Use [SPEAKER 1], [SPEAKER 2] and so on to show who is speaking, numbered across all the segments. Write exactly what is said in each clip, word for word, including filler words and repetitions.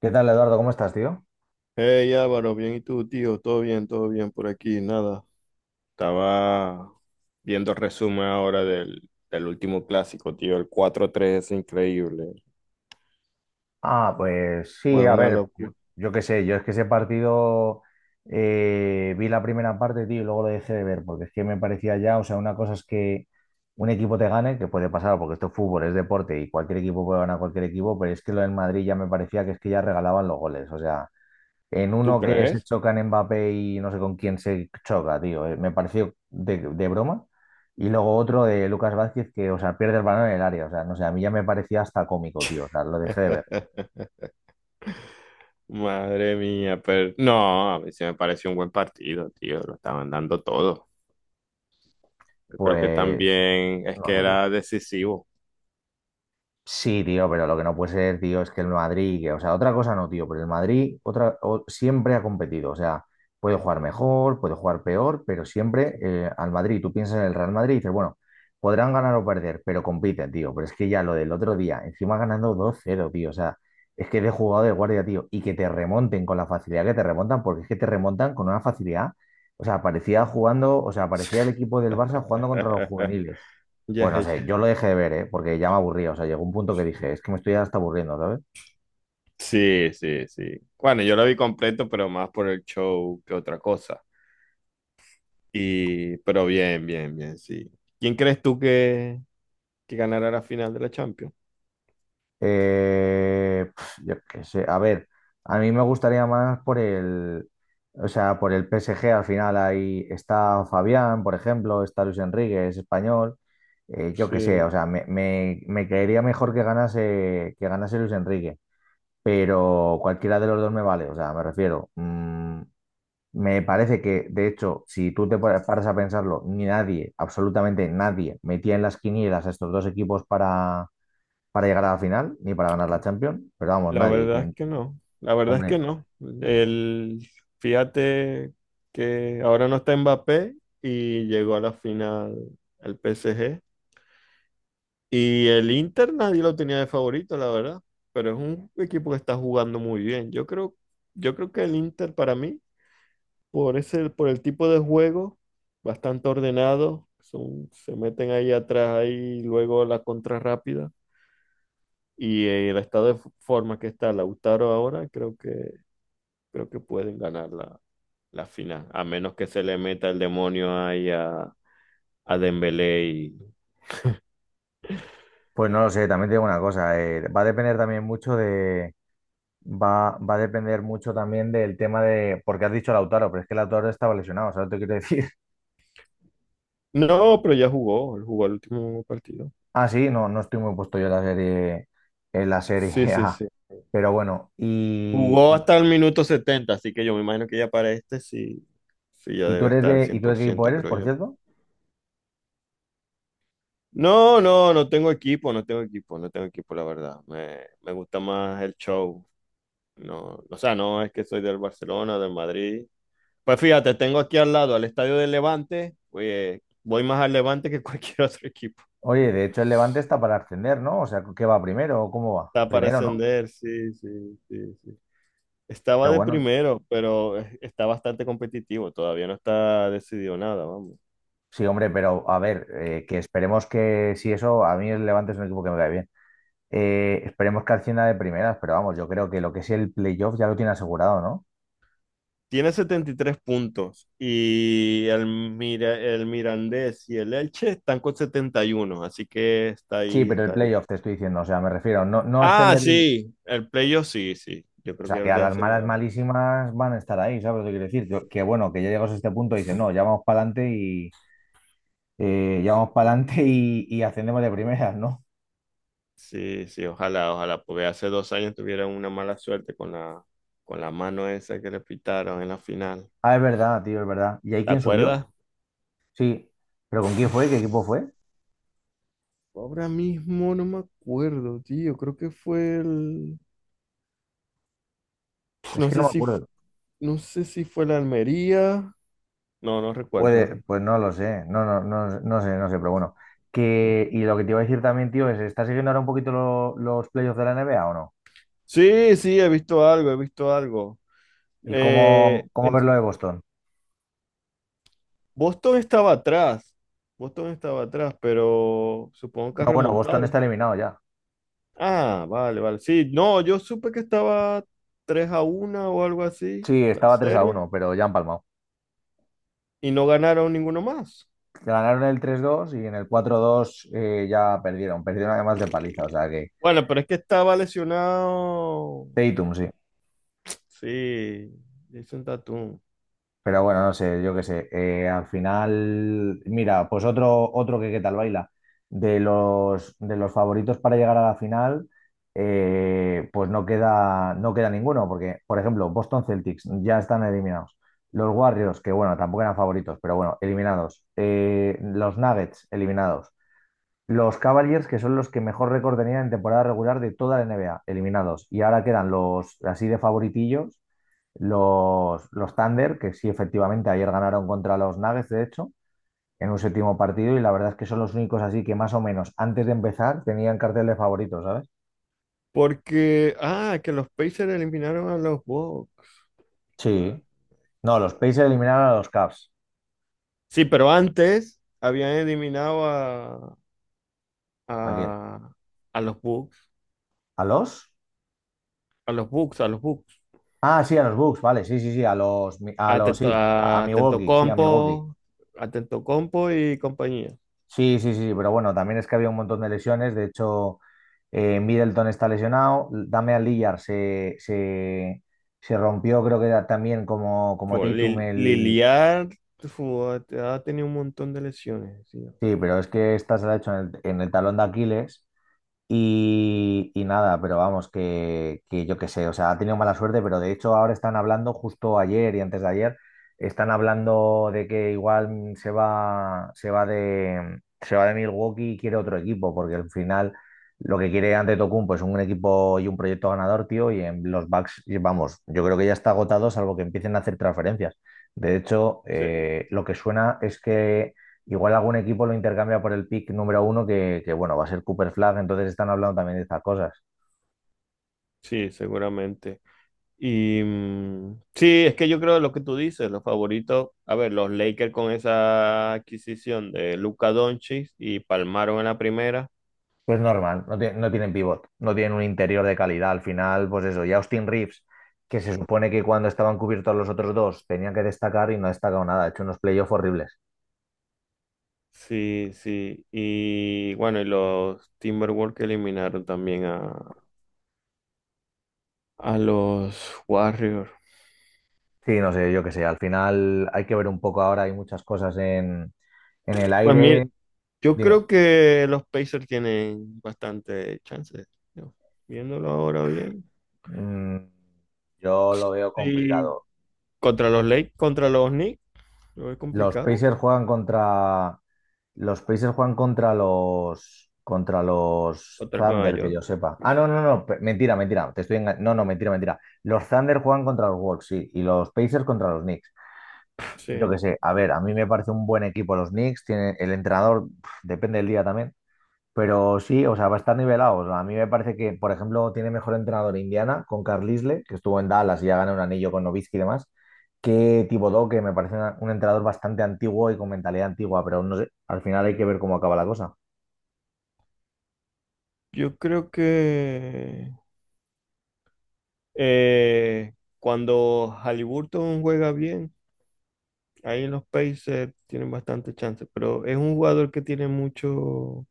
[SPEAKER 1] ¿Qué tal, Eduardo? ¿Cómo estás, tío?
[SPEAKER 2] Hey Álvaro, bien, ¿y tú, tío? Todo bien, todo bien por aquí, nada. Estaba viendo resumen ahora del, del último clásico, tío. El cuatro tres es increíble.
[SPEAKER 1] Ah, pues sí,
[SPEAKER 2] Fue
[SPEAKER 1] a
[SPEAKER 2] una
[SPEAKER 1] ver, yo,
[SPEAKER 2] locura.
[SPEAKER 1] yo qué sé, yo es que ese partido eh, vi la primera parte, tío, y luego lo dejé de ver, porque es que me parecía ya, o sea, una cosa es que un equipo te gane, que puede pasar, porque esto es fútbol, es deporte, y cualquier equipo puede ganar a cualquier equipo, pero es que lo del Madrid ya me parecía que es que ya regalaban los goles, o sea, en
[SPEAKER 2] ¿Tú
[SPEAKER 1] uno que se
[SPEAKER 2] crees?
[SPEAKER 1] chocan Mbappé y no sé con quién se choca, tío. eh, Me pareció de, de broma. Y luego otro de Lucas Vázquez que, o sea, pierde el balón en el área. O sea, no sé, a mí ya me parecía hasta cómico, tío. O sea, lo dejé de ver.
[SPEAKER 2] Madre mía, pero no, a mí sí me pareció un buen partido, tío. Lo estaban dando todo. Yo creo que
[SPEAKER 1] Pues,
[SPEAKER 2] también es
[SPEAKER 1] no
[SPEAKER 2] que
[SPEAKER 1] sé, tío.
[SPEAKER 2] era decisivo.
[SPEAKER 1] Sí, tío, pero lo que no puede ser, tío, es que el Madrid, que- o sea, otra cosa no, tío, pero el Madrid otra, o- siempre ha competido, o sea, puede jugar mejor, puede jugar peor, pero siempre eh, al Madrid, tú piensas en el Real Madrid y dices, bueno, podrán ganar o perder, pero compiten, tío, pero es que ya lo del otro día, encima ganando dos cero, tío, o sea, es que de jugado de guardia, tío, y que te remonten con la facilidad que te remontan, porque es que te remontan con una facilidad, o sea, parecía jugando, o sea, parecía el equipo del Barça jugando contra los juveniles. Pues
[SPEAKER 2] Ya,
[SPEAKER 1] no sé,
[SPEAKER 2] ya.
[SPEAKER 1] yo lo dejé de ver, ¿eh? Porque ya me aburría. O sea, llegó un punto que dije, es que me estoy hasta aburriendo, ¿sabes?
[SPEAKER 2] Sí, sí, sí. Bueno, yo lo vi completo, pero más por el show que otra cosa. Y, pero bien, bien, bien, sí. ¿Quién crees tú que, que ganará la final de la Champions?
[SPEAKER 1] Eh, pf, yo qué sé. A ver, a mí me gustaría más por el, o sea, por el P S G. Al final ahí está Fabián, por ejemplo, está Luis Enrique, es español. Eh, yo qué sé, o
[SPEAKER 2] Sí,
[SPEAKER 1] sea, me, me, me caería mejor que ganase, que ganase Luis Enrique. Pero cualquiera de los dos me vale. O sea, me refiero. mm, Me parece que, de hecho, si tú te pa- paras a pensarlo, ni nadie, absolutamente nadie, metía en las quinielas a estos dos equipos para, para llegar a la final, ni para ganar la Champions, pero vamos,
[SPEAKER 2] la
[SPEAKER 1] nadie.
[SPEAKER 2] verdad es
[SPEAKER 1] Quien,
[SPEAKER 2] que no. La verdad es que
[SPEAKER 1] hombre,
[SPEAKER 2] no. El, Fíjate que ahora no está Mbappé y llegó a la final el P S G. Y el Inter nadie lo tenía de favorito, la verdad. Pero es un equipo que está jugando muy bien. Yo creo, yo creo que el Inter para mí, Por ese, por el tipo de juego, bastante ordenado, son- se meten ahí atrás, ahí luego la contra rápida. Y eh, el estado de f- forma que está Lautaro ahora, creo que, creo que pueden ganar la, la final, a menos que se le meta el demonio ahí a, a Dembélé y...
[SPEAKER 1] pues no lo sé, también te digo una cosa, eh, va a depender también mucho de, va, va a depender mucho también del tema de, porque has dicho Lautaro, pero es que Lautaro estaba lesionado, ¿sabes lo que te quiero decir?
[SPEAKER 2] No, pero ya jugó, él jugó el último partido.
[SPEAKER 1] Ah, sí, no, no estoy muy puesto yo en la serie, en la serie
[SPEAKER 2] Sí, sí,
[SPEAKER 1] A,
[SPEAKER 2] sí.
[SPEAKER 1] pero bueno, y,
[SPEAKER 2] Jugó
[SPEAKER 1] y,
[SPEAKER 2] hasta el minuto setenta, así que yo me imagino que ya para este sí, sí ya
[SPEAKER 1] y tú
[SPEAKER 2] debe
[SPEAKER 1] eres
[SPEAKER 2] estar
[SPEAKER 1] de, ¿y
[SPEAKER 2] cien
[SPEAKER 1] tú de
[SPEAKER 2] por
[SPEAKER 1] qué equipo
[SPEAKER 2] ciento
[SPEAKER 1] eres,
[SPEAKER 2] creo
[SPEAKER 1] por
[SPEAKER 2] yo.
[SPEAKER 1] cierto?
[SPEAKER 2] No, no, no tengo equipo, no tengo equipo, no tengo equipo, la verdad. Me, me gusta más el show. No, o sea, no es que soy del Barcelona, del Madrid. Pues fíjate, tengo aquí al lado al estadio del Levante. Oye, voy más al Levante que cualquier otro equipo.
[SPEAKER 1] Oye, de hecho el Levante está para ascender, ¿no? O sea, ¿qué va primero o cómo va?
[SPEAKER 2] Está para
[SPEAKER 1] Primero, ¿no?
[SPEAKER 2] ascender, sí, sí, sí, sí. Estaba
[SPEAKER 1] Pero
[SPEAKER 2] de
[SPEAKER 1] bueno,
[SPEAKER 2] primero, pero eh, está bastante competitivo. Todavía no está decidido nada, vamos.
[SPEAKER 1] sí, hombre, pero a ver, eh, que esperemos que si eso, a mí el Levante es un equipo que me cae bien. Eh, esperemos que ascienda de primeras, pero vamos, yo creo que lo que es el playoff ya lo tiene asegurado, ¿no?
[SPEAKER 2] Tiene setenta y tres puntos y el, Mira- el Mirandés y el Elche están con setenta y uno, así que está
[SPEAKER 1] Sí,
[SPEAKER 2] ahí,
[SPEAKER 1] pero el
[SPEAKER 2] está ahí.
[SPEAKER 1] playoff te estoy diciendo, o sea, me refiero, no, no
[SPEAKER 2] Ah,
[SPEAKER 1] ascender, o
[SPEAKER 2] sí, el playoff sí, sí, yo creo que
[SPEAKER 1] sea,
[SPEAKER 2] ya
[SPEAKER 1] que
[SPEAKER 2] lo
[SPEAKER 1] a
[SPEAKER 2] tiene
[SPEAKER 1] las malas
[SPEAKER 2] asegurado.
[SPEAKER 1] malísimas van a estar ahí, ¿sabes lo que quiero decir? Yo- que bueno, que ya llegas a este punto y dices, no, ya vamos para adelante y eh, ya vamos para
[SPEAKER 2] Sí,
[SPEAKER 1] adelante y, y ascendemos de primeras, ¿no?
[SPEAKER 2] sí, sí, ojalá, ojalá, porque hace dos años tuvieron una mala suerte con la, con la mano esa que le pitaron en la final.
[SPEAKER 1] Ah, es verdad, tío, es verdad. ¿Y ahí
[SPEAKER 2] ¿Te
[SPEAKER 1] quién subió?
[SPEAKER 2] acuerdas?
[SPEAKER 1] Sí, pero ¿con quién fue? ¿Qué equipo fue?
[SPEAKER 2] Ahora mismo no me acuerdo, tío, creo que fue el...
[SPEAKER 1] Es
[SPEAKER 2] No
[SPEAKER 1] que no
[SPEAKER 2] sé
[SPEAKER 1] me
[SPEAKER 2] si,
[SPEAKER 1] acuerdo.
[SPEAKER 2] no sé si fue la Almería. No, no recuerdo, no
[SPEAKER 1] Puede,
[SPEAKER 2] recuerdo.
[SPEAKER 1] pues no lo sé, no, no, no, no sé, no sé, pero bueno. Que, y lo que te iba a decir también, tío, es, ¿estás siguiendo ahora un poquito lo- los playoffs de la N B A o no?
[SPEAKER 2] Sí, sí, he visto algo, he visto algo.
[SPEAKER 1] ¿Y cómo,
[SPEAKER 2] Eh,
[SPEAKER 1] cómo ves
[SPEAKER 2] es-
[SPEAKER 1] lo de Boston?
[SPEAKER 2] Boston estaba atrás, Boston estaba atrás, pero supongo que ha
[SPEAKER 1] No, bueno, Boston
[SPEAKER 2] remontado.
[SPEAKER 1] está eliminado ya.
[SPEAKER 2] Ah, vale, vale. Sí, no, yo supe que estaba tres a una o algo así,
[SPEAKER 1] Sí,
[SPEAKER 2] la
[SPEAKER 1] estaba tres a
[SPEAKER 2] serie,
[SPEAKER 1] uno, pero ya han palmado.
[SPEAKER 2] y no ganaron ninguno más.
[SPEAKER 1] Ganaron el tres dos y en el cuatro dos eh, ya perdieron. Perdieron además de paliza, o sea que...
[SPEAKER 2] Bueno, pero es que estaba lesionado,
[SPEAKER 1] Tatum, sí.
[SPEAKER 2] sí, Jason Tatum.
[SPEAKER 1] Pero bueno, no sé, yo qué sé. Eh, al final, mira, pues otro, otro que qué tal baila. De los, de los favoritos para llegar a la final, eh, pues no queda, no queda ninguno, porque, por ejemplo, Boston Celtics ya están eliminados. Los Warriors, que bueno, tampoco eran favoritos, pero bueno, eliminados. Eh, los Nuggets, eliminados. Los Cavaliers, que son los que mejor récord tenían en temporada regular de toda la N B A, eliminados. Y ahora quedan los así de favoritillos los, los Thunder, que sí, efectivamente, ayer ganaron contra los Nuggets, de hecho, en un séptimo partido, y la verdad es que son los únicos así que más o menos antes de empezar tenían cartel de favoritos, ¿sabes?
[SPEAKER 2] Porque, ah, que los Pacers eliminaron a los Bucks. Ah,
[SPEAKER 1] Sí. No, los
[SPEAKER 2] ah.
[SPEAKER 1] Pacers eliminaron a los Cavs.
[SPEAKER 2] Sí, pero antes habían eliminado
[SPEAKER 1] ¿A quién?
[SPEAKER 2] a, a los bugs,
[SPEAKER 1] ¿A los?
[SPEAKER 2] a los bugs, a los bugs,
[SPEAKER 1] Ah, sí, a los Bucks, vale, sí, sí, sí, a los, a
[SPEAKER 2] a,
[SPEAKER 1] los,
[SPEAKER 2] atento
[SPEAKER 1] sí, a, a
[SPEAKER 2] a Tento
[SPEAKER 1] Milwaukee, sí, a Milwaukee.
[SPEAKER 2] Compo, atento Compo y compañía.
[SPEAKER 1] Sí, sí, sí, pero bueno, también es que había un montón de lesiones. De hecho, eh, Middleton está lesionado, Damian Lillard se, se, se rompió, creo que era también como, como
[SPEAKER 2] Fue
[SPEAKER 1] Tatum
[SPEAKER 2] Lil-
[SPEAKER 1] el...
[SPEAKER 2] Liliard fue- ha tenido un montón de lesiones, sí.
[SPEAKER 1] Sí, pero es que esta se la ha hecho en el, en el talón de Aquiles. Y, y nada, pero vamos, que, que yo qué sé, o sea, ha tenido mala suerte, pero de hecho ahora están hablando, justo ayer y antes de ayer, están hablando de que igual se va, se va de, se va de Milwaukee y quiere otro equipo, porque al final lo que quiere Antetokounmpo es un equipo y un proyecto ganador, tío, y en los Bucks, y vamos, yo creo que ya está agotado, salvo que empiecen a hacer transferencias. De hecho,
[SPEAKER 2] Sí,
[SPEAKER 1] eh, lo que suena es que igual algún equipo lo intercambia por el pick número uno, que, que, bueno, va a ser Cooper Flag, entonces están hablando también de estas cosas.
[SPEAKER 2] sí, seguramente. Y mm, sí, es que yo creo lo que tú dices, los favoritos, a ver, los Lakers con esa adquisición de Luka Doncic y palmaron en la primera.
[SPEAKER 1] Pues normal, no, tie- no tienen pivot, no tienen un interior de calidad. Al final, pues eso, y Austin Reeves, que se supone que cuando estaban cubiertos los otros dos tenían que destacar y no ha destacado nada, ha hecho unos playoffs horribles.
[SPEAKER 2] Sí, sí. Y bueno, y los Timberwolves que eliminaron también a, A los Warriors.
[SPEAKER 1] Sí, no sé, yo qué sé, al final hay que ver un poco ahora, hay muchas cosas en, en el
[SPEAKER 2] Pues mira,
[SPEAKER 1] aire.
[SPEAKER 2] yo
[SPEAKER 1] Dime,
[SPEAKER 2] creo que los Pacers tienen bastante chances. ¿No? Viéndolo ahora bien.
[SPEAKER 1] mm, yo lo veo
[SPEAKER 2] Sí.
[SPEAKER 1] complicado.
[SPEAKER 2] Contra los Lakers, contra los Knicks, lo veo
[SPEAKER 1] Los
[SPEAKER 2] complicado.
[SPEAKER 1] Pacers juegan contra. Los Pacers juegan contra los. Contra los
[SPEAKER 2] Contra Nueva
[SPEAKER 1] Thunder, que yo
[SPEAKER 2] York.
[SPEAKER 1] sepa. Ah, no, no, no. pe- Mentira, mentira. Te estoy enga- No, no, mentira, mentira. Los Thunder juegan contra los Wolves, sí. Y los Pacers contra los Knicks.
[SPEAKER 2] Sí.
[SPEAKER 1] Yo qué sé. A ver, a mí me parece un buen equipo los Knicks. Tiene el entrenador, pf, depende del día también. Pero sí, o sea, va a estar nivelado. A mí me parece que, por ejemplo, tiene mejor entrenador Indiana con Carlisle, que estuvo en Dallas y ya ganó un anillo con Nowitzki y demás, que Thibodeau, que me parece una- un entrenador bastante antiguo y con mentalidad antigua, pero no sé, al final hay que ver cómo acaba la cosa.
[SPEAKER 2] Yo creo que eh, cuando Haliburton juega bien, ahí en los Pacers tienen bastante chance. Pero es un jugador que tiene muchos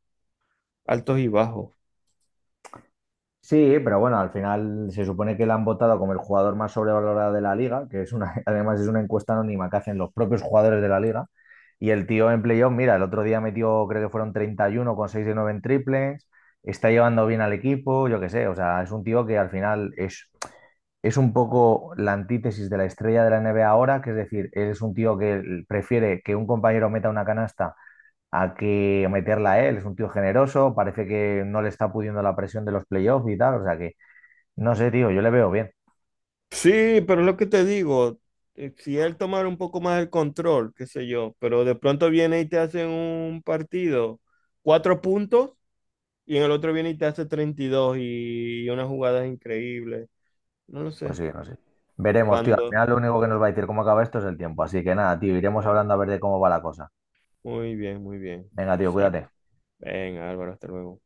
[SPEAKER 2] altos y bajos.
[SPEAKER 1] Sí, pero bueno, al final se supone que le han votado como el jugador más sobrevalorado de la liga, que es una, además es una encuesta anónima que hacen los propios jugadores de la liga. Y el tío en playoff, mira, el otro día metió, creo que fueron treinta y uno con seis de nueve en triples, está llevando bien al equipo, yo qué sé, o sea, es un tío que al final es, es un poco la antítesis de la estrella de la N B A ahora, que es decir, es un tío que prefiere que un compañero meta una canasta hay que meterla a él, es un tío generoso, parece que no le está pudiendo la presión de los playoffs y tal, o sea que no sé, tío, yo le veo bien,
[SPEAKER 2] Sí, pero es lo que te digo, eh, si él tomara un poco más el control, qué sé yo, pero de pronto viene y te hace un partido, cuatro puntos, y en el otro viene y te hace treinta y dos y dos y unas jugadas increíbles. No lo
[SPEAKER 1] pues
[SPEAKER 2] sé.
[SPEAKER 1] sí, no sé. Veremos, tío, al
[SPEAKER 2] Cuando.
[SPEAKER 1] final lo único que nos va a decir cómo acaba esto es el tiempo, así que nada, tío, iremos
[SPEAKER 2] Eh,
[SPEAKER 1] hablando a ver de cómo va la cosa.
[SPEAKER 2] muy bien, muy bien.
[SPEAKER 1] Venga, tío,
[SPEAKER 2] Exacto.
[SPEAKER 1] cuídate.
[SPEAKER 2] Ven, Álvaro, hasta luego.